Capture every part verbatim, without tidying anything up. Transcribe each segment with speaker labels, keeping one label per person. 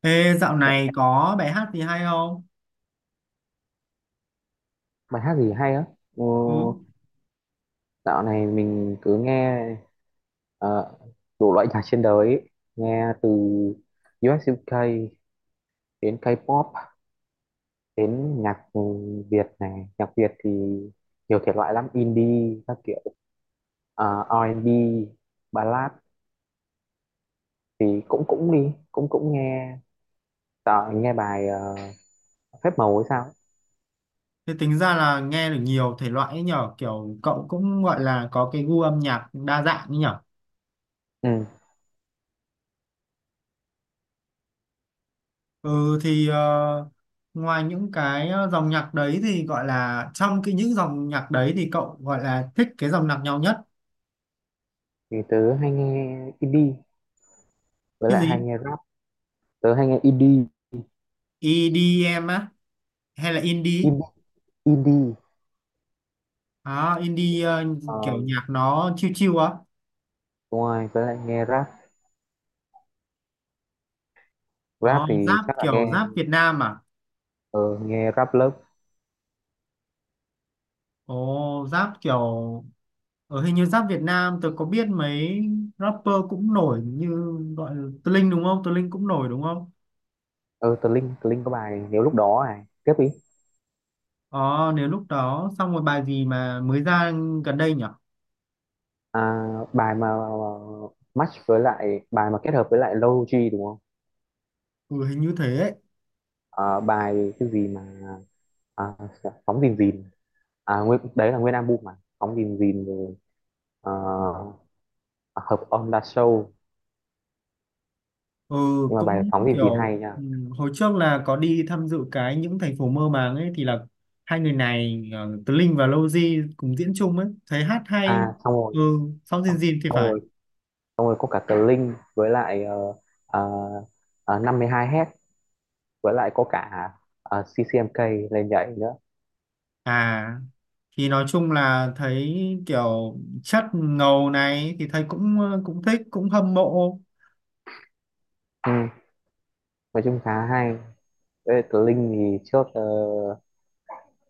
Speaker 1: Ê, dạo
Speaker 2: Dạ,
Speaker 1: này có bài hát gì hay không?
Speaker 2: bài hát gì hay á? Ừ,
Speaker 1: Ừ.
Speaker 2: dạo này mình cứ nghe ờ, đủ loại nhạc trên đời ấy. Nghe từ u ét u kê đến K-pop đến nhạc ừ, Việt này. Nhạc Việt thì nhiều thể loại lắm, indie các kiểu, ờ, a và bi, ballad thì cũng cũng đi, cũng cũng nghe. Tớ nghe bài ờ, Phép Màu hay sao ấy.
Speaker 1: Thế tính ra là nghe được nhiều thể loại ấy nhở, kiểu cậu cũng gọi là có cái gu âm nhạc đa dạng ấy nhở.
Speaker 2: Ừ,
Speaker 1: Ừ thì ờ, ngoài những cái ờ, dòng nhạc đấy thì gọi là trong cái những dòng nhạc đấy thì cậu gọi là thích cái dòng nhạc nhau nhất.
Speaker 2: thì tớ hay nghe indie với
Speaker 1: Cái
Speaker 2: lại hay
Speaker 1: gì?
Speaker 2: nghe rap. Tớ hay nghe indie,
Speaker 1: i đi em á hay là indie?
Speaker 2: indie, indie.
Speaker 1: À, indie ờ,
Speaker 2: ờ,
Speaker 1: kiểu nhạc nó chill chill á.
Speaker 2: Đúng rồi, với lại nghe rap. Rap
Speaker 1: Đó,
Speaker 2: thì
Speaker 1: rap
Speaker 2: chắc là
Speaker 1: kiểu
Speaker 2: nghe
Speaker 1: rap Việt Nam à?
Speaker 2: ờ, nghe rap lớp.
Speaker 1: Ồ, rap kiểu ở hình như rap Việt Nam tôi có biết mấy rapper cũng nổi như gọi là Tơ Linh đúng không? Tơ Linh cũng nổi đúng không?
Speaker 2: ờ Tờ Linh, tờ Linh có bài Nếu Lúc Đó, này tiếp đi.
Speaker 1: Ờ nếu lúc đó xong rồi bài gì mà mới ra gần đây nhỉ?
Speaker 2: à, Bài mà match, với lại bài mà kết hợp với lại Low G đúng không?
Speaker 1: Ừ hình như thế ấy.
Speaker 2: À, bài cái gì mà, à, Phóng Dìn Dìn. À, nguyên, đấy là nguyên album mà Phóng Dìn Dìn rồi. ờ, à, Hợp On The Show,
Speaker 1: Ừ
Speaker 2: nhưng mà bài
Speaker 1: cũng
Speaker 2: Phóng Dìn Dìn
Speaker 1: kiểu
Speaker 2: hay nha.
Speaker 1: ừ, hồi trước là có đi tham dự cái những thành phố mơ màng ấy thì là hai người này ờ, Tơ Linh và Lowzy cùng diễn chung ấy, thấy hát hay.
Speaker 2: À xong rồi,
Speaker 1: Ừ sau
Speaker 2: xong,
Speaker 1: Dìn Dìn thì
Speaker 2: xong
Speaker 1: phải.
Speaker 2: rồi xong rồi có cả tờ Linh với lại uh, uh, năm mươi hai hết, với lại có cả ờ, xê xê em ca lên nhảy nữa.
Speaker 1: À thì nói chung là thấy kiểu chất ngầu này thì thấy cũng ờ, cũng thích cũng hâm mộ.
Speaker 2: Ừ, nói chung khá hay. Với lại tớ Linh thì trước, ờ,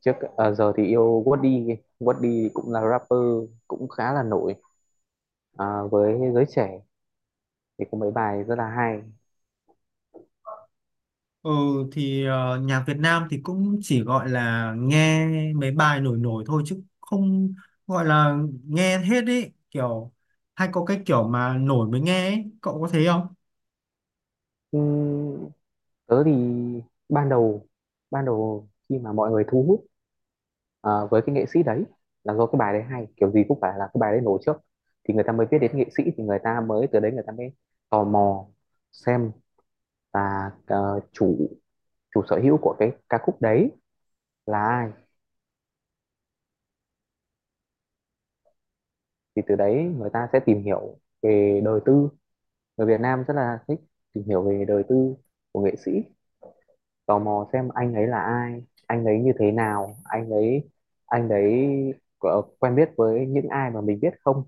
Speaker 2: trước ờ, giờ thì yêu. Woody, Woody cũng là rapper, cũng khá là nổi ờ, với giới trẻ, thì có mấy bài rất là hay.
Speaker 1: Ừ thì ờ, nhạc Việt Nam thì cũng chỉ gọi là nghe mấy bài nổi nổi thôi chứ không gọi là nghe hết ý kiểu hay có cái kiểu mà nổi mới nghe ấy. Cậu có thấy không?
Speaker 2: Ừ, tớ thì ban đầu ban đầu khi mà mọi người thu hút ờ, với cái nghệ sĩ đấy, là do cái bài đấy hay, kiểu gì cũng phải là cái bài đấy nổi trước thì người ta mới biết đến nghệ sĩ, thì người ta mới, từ đấy người ta mới tò mò xem, và ờ, chủ, chủ sở hữu của cái ca khúc đấy là ai, thì từ đấy người ta sẽ tìm hiểu về đời tư. Người Việt Nam rất là thích tìm hiểu về đời tư của nghệ sĩ, tò mò xem anh ấy là ai, anh ấy như thế nào, anh ấy anh ấy có quen biết với những ai mà mình biết không,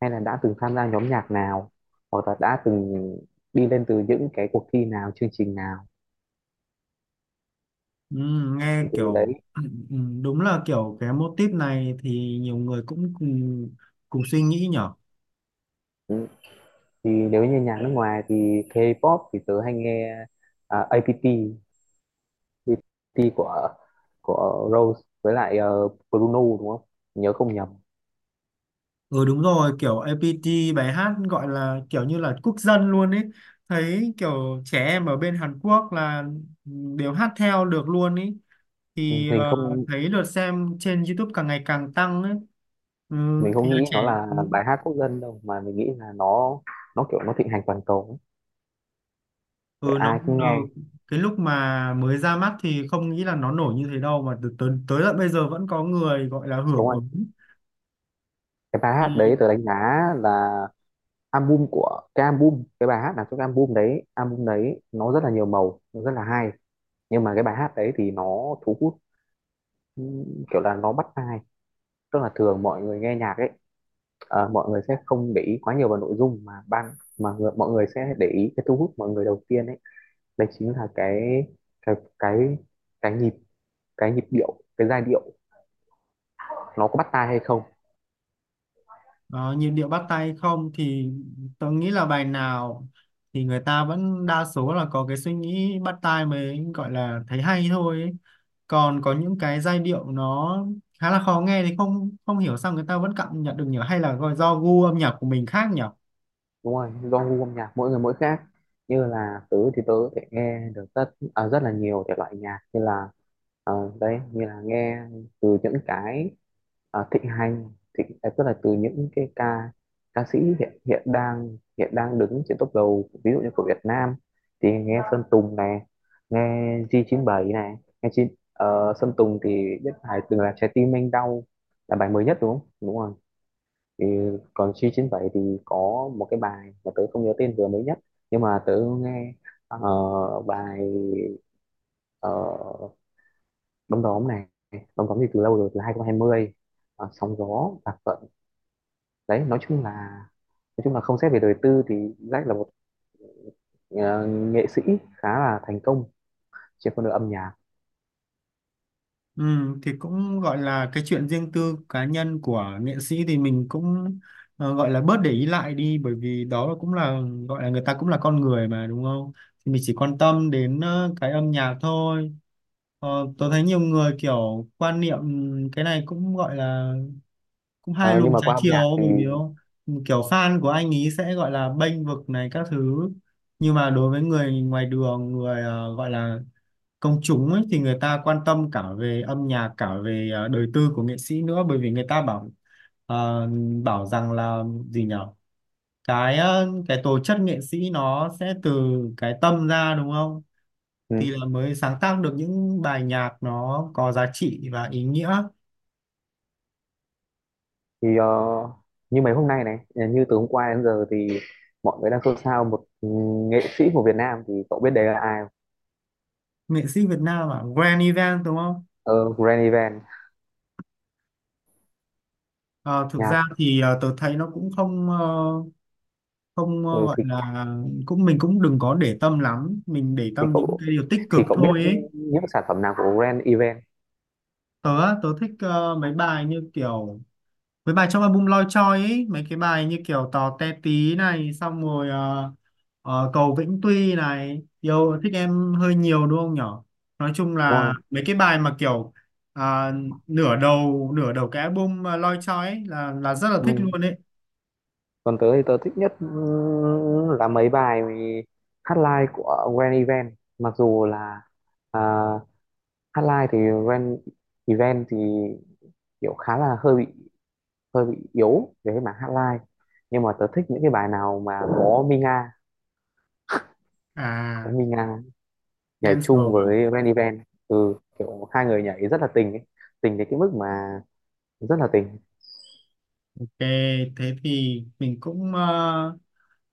Speaker 2: hay là đã từng tham gia nhóm nhạc nào, hoặc là đã từng đi lên từ những cái cuộc thi nào, chương trình nào,
Speaker 1: Ừ,
Speaker 2: thì
Speaker 1: nghe
Speaker 2: từ
Speaker 1: kiểu
Speaker 2: đấy.
Speaker 1: ừ, ừ, đúng là kiểu cái motif này thì nhiều người cũng cùng cùng suy nghĩ nhở.
Speaker 2: Ừ, thì nếu như nhạc nước ngoài thì K-pop thì tớ hay nghe, à, a pê tê. a pê tê của của Rose với lại ờ, Bruno đúng không, nhớ không nhầm.
Speaker 1: Ừ đúng rồi, kiểu a pi ti bài hát gọi là kiểu như là quốc dân luôn ấy. Thấy kiểu trẻ em ở bên Hàn Quốc là đều hát theo được luôn ấy. Thì
Speaker 2: mình
Speaker 1: ờ,
Speaker 2: không
Speaker 1: thấy lượt xem trên YouTube càng ngày càng tăng ấy. Ừ,
Speaker 2: mình
Speaker 1: thì
Speaker 2: không
Speaker 1: là
Speaker 2: nghĩ
Speaker 1: trẻ.
Speaker 2: nó là
Speaker 1: Ừ,
Speaker 2: bài hát quốc dân đâu, mà mình nghĩ là nó nó kiểu nó thịnh hành toàn cầu ấy. Để
Speaker 1: ừ, nó
Speaker 2: ai
Speaker 1: cũng
Speaker 2: cũng
Speaker 1: được.
Speaker 2: nghe
Speaker 1: Cái lúc mà mới ra mắt thì không nghĩ là nó nổi như thế đâu mà từ tới, tới tận bây giờ vẫn có người gọi là
Speaker 2: đúng
Speaker 1: hưởng
Speaker 2: không.
Speaker 1: ứng.
Speaker 2: Cái bài hát đấy
Speaker 1: Thì
Speaker 2: tớ đánh giá là album, của cái album, cái bài hát là cái album đấy, album đấy nó rất là nhiều màu, nó rất là hay, nhưng mà cái bài hát đấy thì nó thu hút. Ừ, kiểu là nó bắt tai, tức là thường mọi người nghe nhạc ấy, ờ, mọi người sẽ không để ý quá nhiều vào nội dung, mà ban, mà người, mọi người sẽ để ý cái thu hút mọi người đầu tiên ấy, đấy chính là cái cái cái cái nhịp, cái nhịp điệu, cái giai điệu, nó có bắt tai hay không.
Speaker 1: đó, nhịp điệu bắt tay không thì tôi nghĩ là bài nào thì người ta vẫn đa số là có cái suy nghĩ bắt tai mới gọi là thấy hay thôi ấy. Còn có những cái giai điệu nó khá là khó nghe thì không không hiểu sao người ta vẫn cảm nhận được nhỉ hay là gọi do gu âm nhạc của mình khác nhỉ?
Speaker 2: Đúng rồi, do gu âm nhạc mỗi người mỗi khác. Như là tớ thì tớ có thể nghe được rất, à, rất là nhiều thể loại nhạc, như là ờ, đấy, như là nghe từ những cái ờ, thịnh hành, thịnh, à, tức là từ những cái ca, ca sĩ hiện, hiện đang hiện đang đứng trên top đầu, ví dụ như của Việt Nam thì nghe Sơn Tùng này, nghe giê chín bảy này, nghe chi, ờ, Sơn Tùng thì biết bài từng là Trái Tim Anh Đau là bài mới nhất đúng không, đúng rồi. Thì còn giê chín bảy thì có một cái bài mà tớ không nhớ tên vừa mới nhất, nhưng mà tớ nghe ờ, bài uh, Đom Đóm này. Đom Đóm thì từ lâu rồi, từ hai nghìn không trăm hai mươi. Uh, sóng Gió, Bạc Phận, đấy. Nói chung là, nói chung là không xét về đời tư thì Jack là một ờ, nghệ sĩ khá là thành công trên con đường âm nhạc.
Speaker 1: Ừ, thì cũng gọi là cái chuyện riêng tư cá nhân của nghệ sĩ thì mình cũng ờ, gọi là bớt để ý lại đi bởi vì đó là cũng là gọi là người ta cũng là con người mà đúng không? Thì mình chỉ quan tâm đến ờ, cái âm nhạc thôi. Ờ, tớ thấy nhiều người kiểu quan niệm cái này cũng gọi là cũng hai
Speaker 2: Ờ,
Speaker 1: luồng
Speaker 2: nhưng mà
Speaker 1: trái
Speaker 2: qua âm nhạc
Speaker 1: chiều
Speaker 2: thì.
Speaker 1: bởi vì không? Kiểu fan của anh ý sẽ gọi là bênh vực này các thứ nhưng mà đối với người ngoài đường người ờ, gọi là công chúng ấy thì người ta quan tâm cả về âm nhạc cả về ờ, đời tư của nghệ sĩ nữa bởi vì người ta bảo ờ, bảo rằng là gì nhở cái ờ, cái tố chất nghệ sĩ nó sẽ từ cái tâm ra đúng không?
Speaker 2: Ừ,
Speaker 1: Thì là mới sáng tác được những bài nhạc nó có giá trị và ý nghĩa
Speaker 2: thì ờ, như mấy hôm nay này, như từ hôm qua đến giờ thì mọi người đang xôn xao một, ừ, nghệ sĩ của Việt Nam thì cậu biết đấy là ai.
Speaker 1: nghệ sĩ Việt Nam à Grand Event đúng không.
Speaker 2: Ờ, Grand Event
Speaker 1: Ờ, thực ra
Speaker 2: nhạc.
Speaker 1: thì ờ, tớ thấy nó cũng không ờ, không ờ,
Speaker 2: ừ,
Speaker 1: gọi
Speaker 2: thì
Speaker 1: là cũng mình cũng đừng có để tâm lắm mình để
Speaker 2: thì
Speaker 1: tâm những
Speaker 2: cậu
Speaker 1: cái điều tích
Speaker 2: thì
Speaker 1: cực
Speaker 2: cậu biết
Speaker 1: thôi ấy.
Speaker 2: những sản phẩm nào của Grand Event
Speaker 1: Tớ á, tớ thích ờ, mấy bài như kiểu với bài trong album Loi Choi ấy mấy cái bài như kiểu Tò Te Tí này xong rồi ờ, ờ, Cầu Vĩnh Tuy này yêu thích em hơi nhiều đúng không nhở nói chung
Speaker 2: đúng
Speaker 1: là
Speaker 2: không?
Speaker 1: mấy cái bài mà kiểu à, nửa đầu nửa đầu cái album ờ, Loi Choi ấy là là rất là thích
Speaker 2: Ừ.
Speaker 1: luôn ấy.
Speaker 2: Còn tớ thì tớ thích nhất, ừ, là mấy bài hát live của Grand Event, mặc dù là, à, hát live thì Grand Event thì kiểu khá là hơi bị hơi bị yếu về cái mảng hát live, nhưng mà tớ thích những cái bài nào mà có Minga, có
Speaker 1: À
Speaker 2: Minga nhảy
Speaker 1: Dancer
Speaker 2: chung
Speaker 1: à?
Speaker 2: với Grand Event. Ừ, kiểu hai người nhảy rất là tình ấy. Tình đến cái mức mà rất là tình.
Speaker 1: Ok, thế thì mình cũng ờ,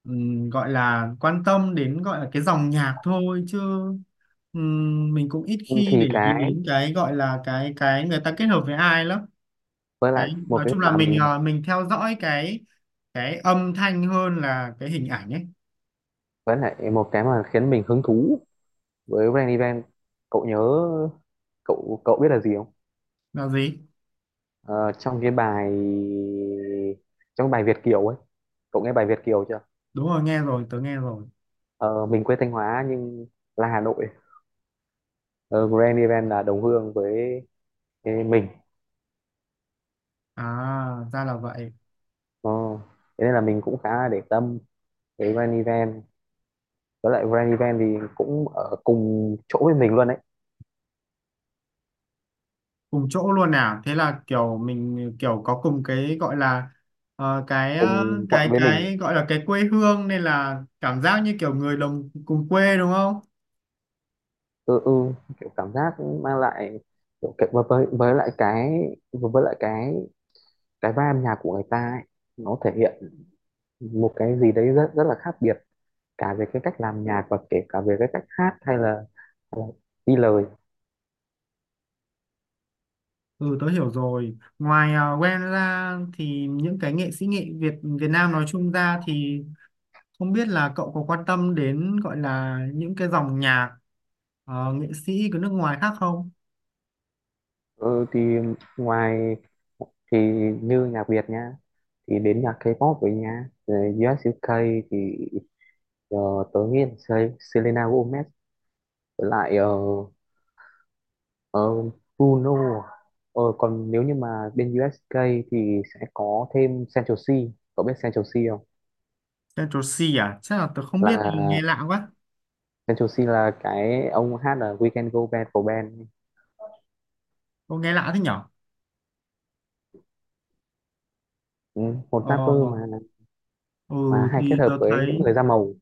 Speaker 1: ừm, gọi là quan tâm đến gọi là cái dòng nhạc thôi chứ ừm, mình cũng ít khi
Speaker 2: Thì
Speaker 1: để ý
Speaker 2: cái,
Speaker 1: đến cái gọi là cái cái người ta kết hợp với ai lắm.
Speaker 2: với
Speaker 1: Cái
Speaker 2: lại một
Speaker 1: nói
Speaker 2: cái
Speaker 1: chung là
Speaker 2: mà
Speaker 1: mình
Speaker 2: mình,
Speaker 1: ờ, mình theo dõi cái cái âm thanh hơn là cái hình ảnh ấy.
Speaker 2: với lại một cái mà khiến mình hứng thú với Rain Event, cậu nhớ, cậu cậu biết là gì không.
Speaker 1: Là gì?
Speaker 2: Ờ, trong cái bài, trong bài Việt Kiều ấy, cậu nghe bài Việt Kiều chưa.
Speaker 1: Đúng rồi, nghe rồi, tớ nghe rồi.
Speaker 2: Ờ, mình quê Thanh Hóa nhưng là Hà Nội. Ờ, Grand Event là đồng hương với, với mình.
Speaker 1: À, ra là vậy.
Speaker 2: Ờ, thế nên là mình cũng khá là để tâm với Grand Event, với lại Grand Event thì cũng ở cùng chỗ với mình luôn đấy,
Speaker 1: Cùng chỗ luôn nào thế là kiểu mình kiểu có cùng cái gọi là ờ, cái ờ,
Speaker 2: cùng quận
Speaker 1: cái
Speaker 2: với mình.
Speaker 1: cái gọi là cái quê hương nên là cảm giác như kiểu người đồng cùng quê đúng không.
Speaker 2: Ừ, ừ, kiểu cảm giác mang lại, kiểu cái, với với với lại cái với với lại cái cái vai âm nhạc của người ta ấy, nó thể hiện một cái gì đấy rất rất là khác biệt, cả về cái cách làm nhạc, và kể cả về cái cách hát, hay là, hay là đi lời.
Speaker 1: Ừ tớ hiểu rồi ngoài uh, Gwen ra thì những cái nghệ sĩ nghệ Việt Việt Nam nói chung ra thì không biết là cậu có quan tâm đến gọi là những cái dòng nhạc ờ, nghệ sĩ của nước ngoài khác không.
Speaker 2: Ừ, thì ngoài thì như nhạc Việt nha, thì đến nhạc K-pop với nha, rồi u ét u kê thì uh, tớ nghĩ là Sel- Selena Gomez, với lại ờ, Ờ, Bruno. Ờ, còn nếu như mà bên u ét ca thì sẽ có thêm Central C. Cậu biết Central C không?
Speaker 1: Central C à chắc là tớ không biết nghe
Speaker 2: Là,
Speaker 1: lạ quá,
Speaker 2: Central C là cái ông hát là We Can Go Bad của band.
Speaker 1: có nghe lạ thế nhở.
Speaker 2: Ừ, một
Speaker 1: Ờ,
Speaker 2: rapper mà mà
Speaker 1: ừ
Speaker 2: hay kết
Speaker 1: thì
Speaker 2: hợp
Speaker 1: tớ
Speaker 2: với những
Speaker 1: thấy
Speaker 2: người da màu,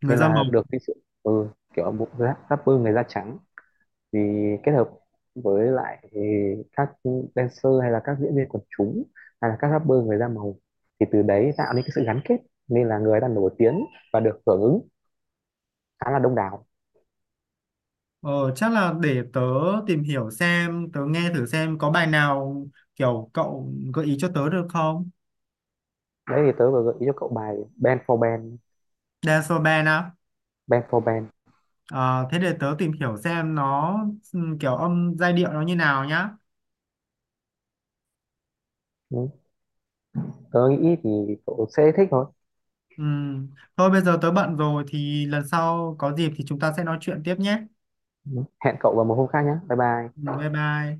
Speaker 1: người
Speaker 2: nên
Speaker 1: da
Speaker 2: là
Speaker 1: màu
Speaker 2: được cái sự, ừ, kiểu một rap- rapper người da trắng thì kết hợp với lại, ừ, các dancer, hay là các diễn viên quần chúng, hay là các rapper người da màu, thì từ đấy tạo nên cái sự gắn kết, nên là người ta nổi tiếng và được hưởng ứng khá là đông đảo.
Speaker 1: ờ, chắc là để tớ tìm hiểu xem tớ nghe thử xem có bài nào kiểu cậu gợi ý cho tớ được không.
Speaker 2: Đấy, thì tớ vừa gợi ý cho cậu bài Band for Band.
Speaker 1: Dance band á?
Speaker 2: Band for Band
Speaker 1: Ờ, thế để tớ tìm hiểu xem nó ừm, kiểu âm giai điệu nó như nào nhá.
Speaker 2: Ừ, tớ nghĩ thì cậu sẽ thích thôi.
Speaker 1: Ừm, thôi bây giờ tớ bận rồi thì lần sau có dịp thì chúng ta sẽ nói chuyện tiếp nhé.
Speaker 2: Ừ, hẹn cậu vào một hôm khác nhé, bye bye.
Speaker 1: Ừm, bye bye.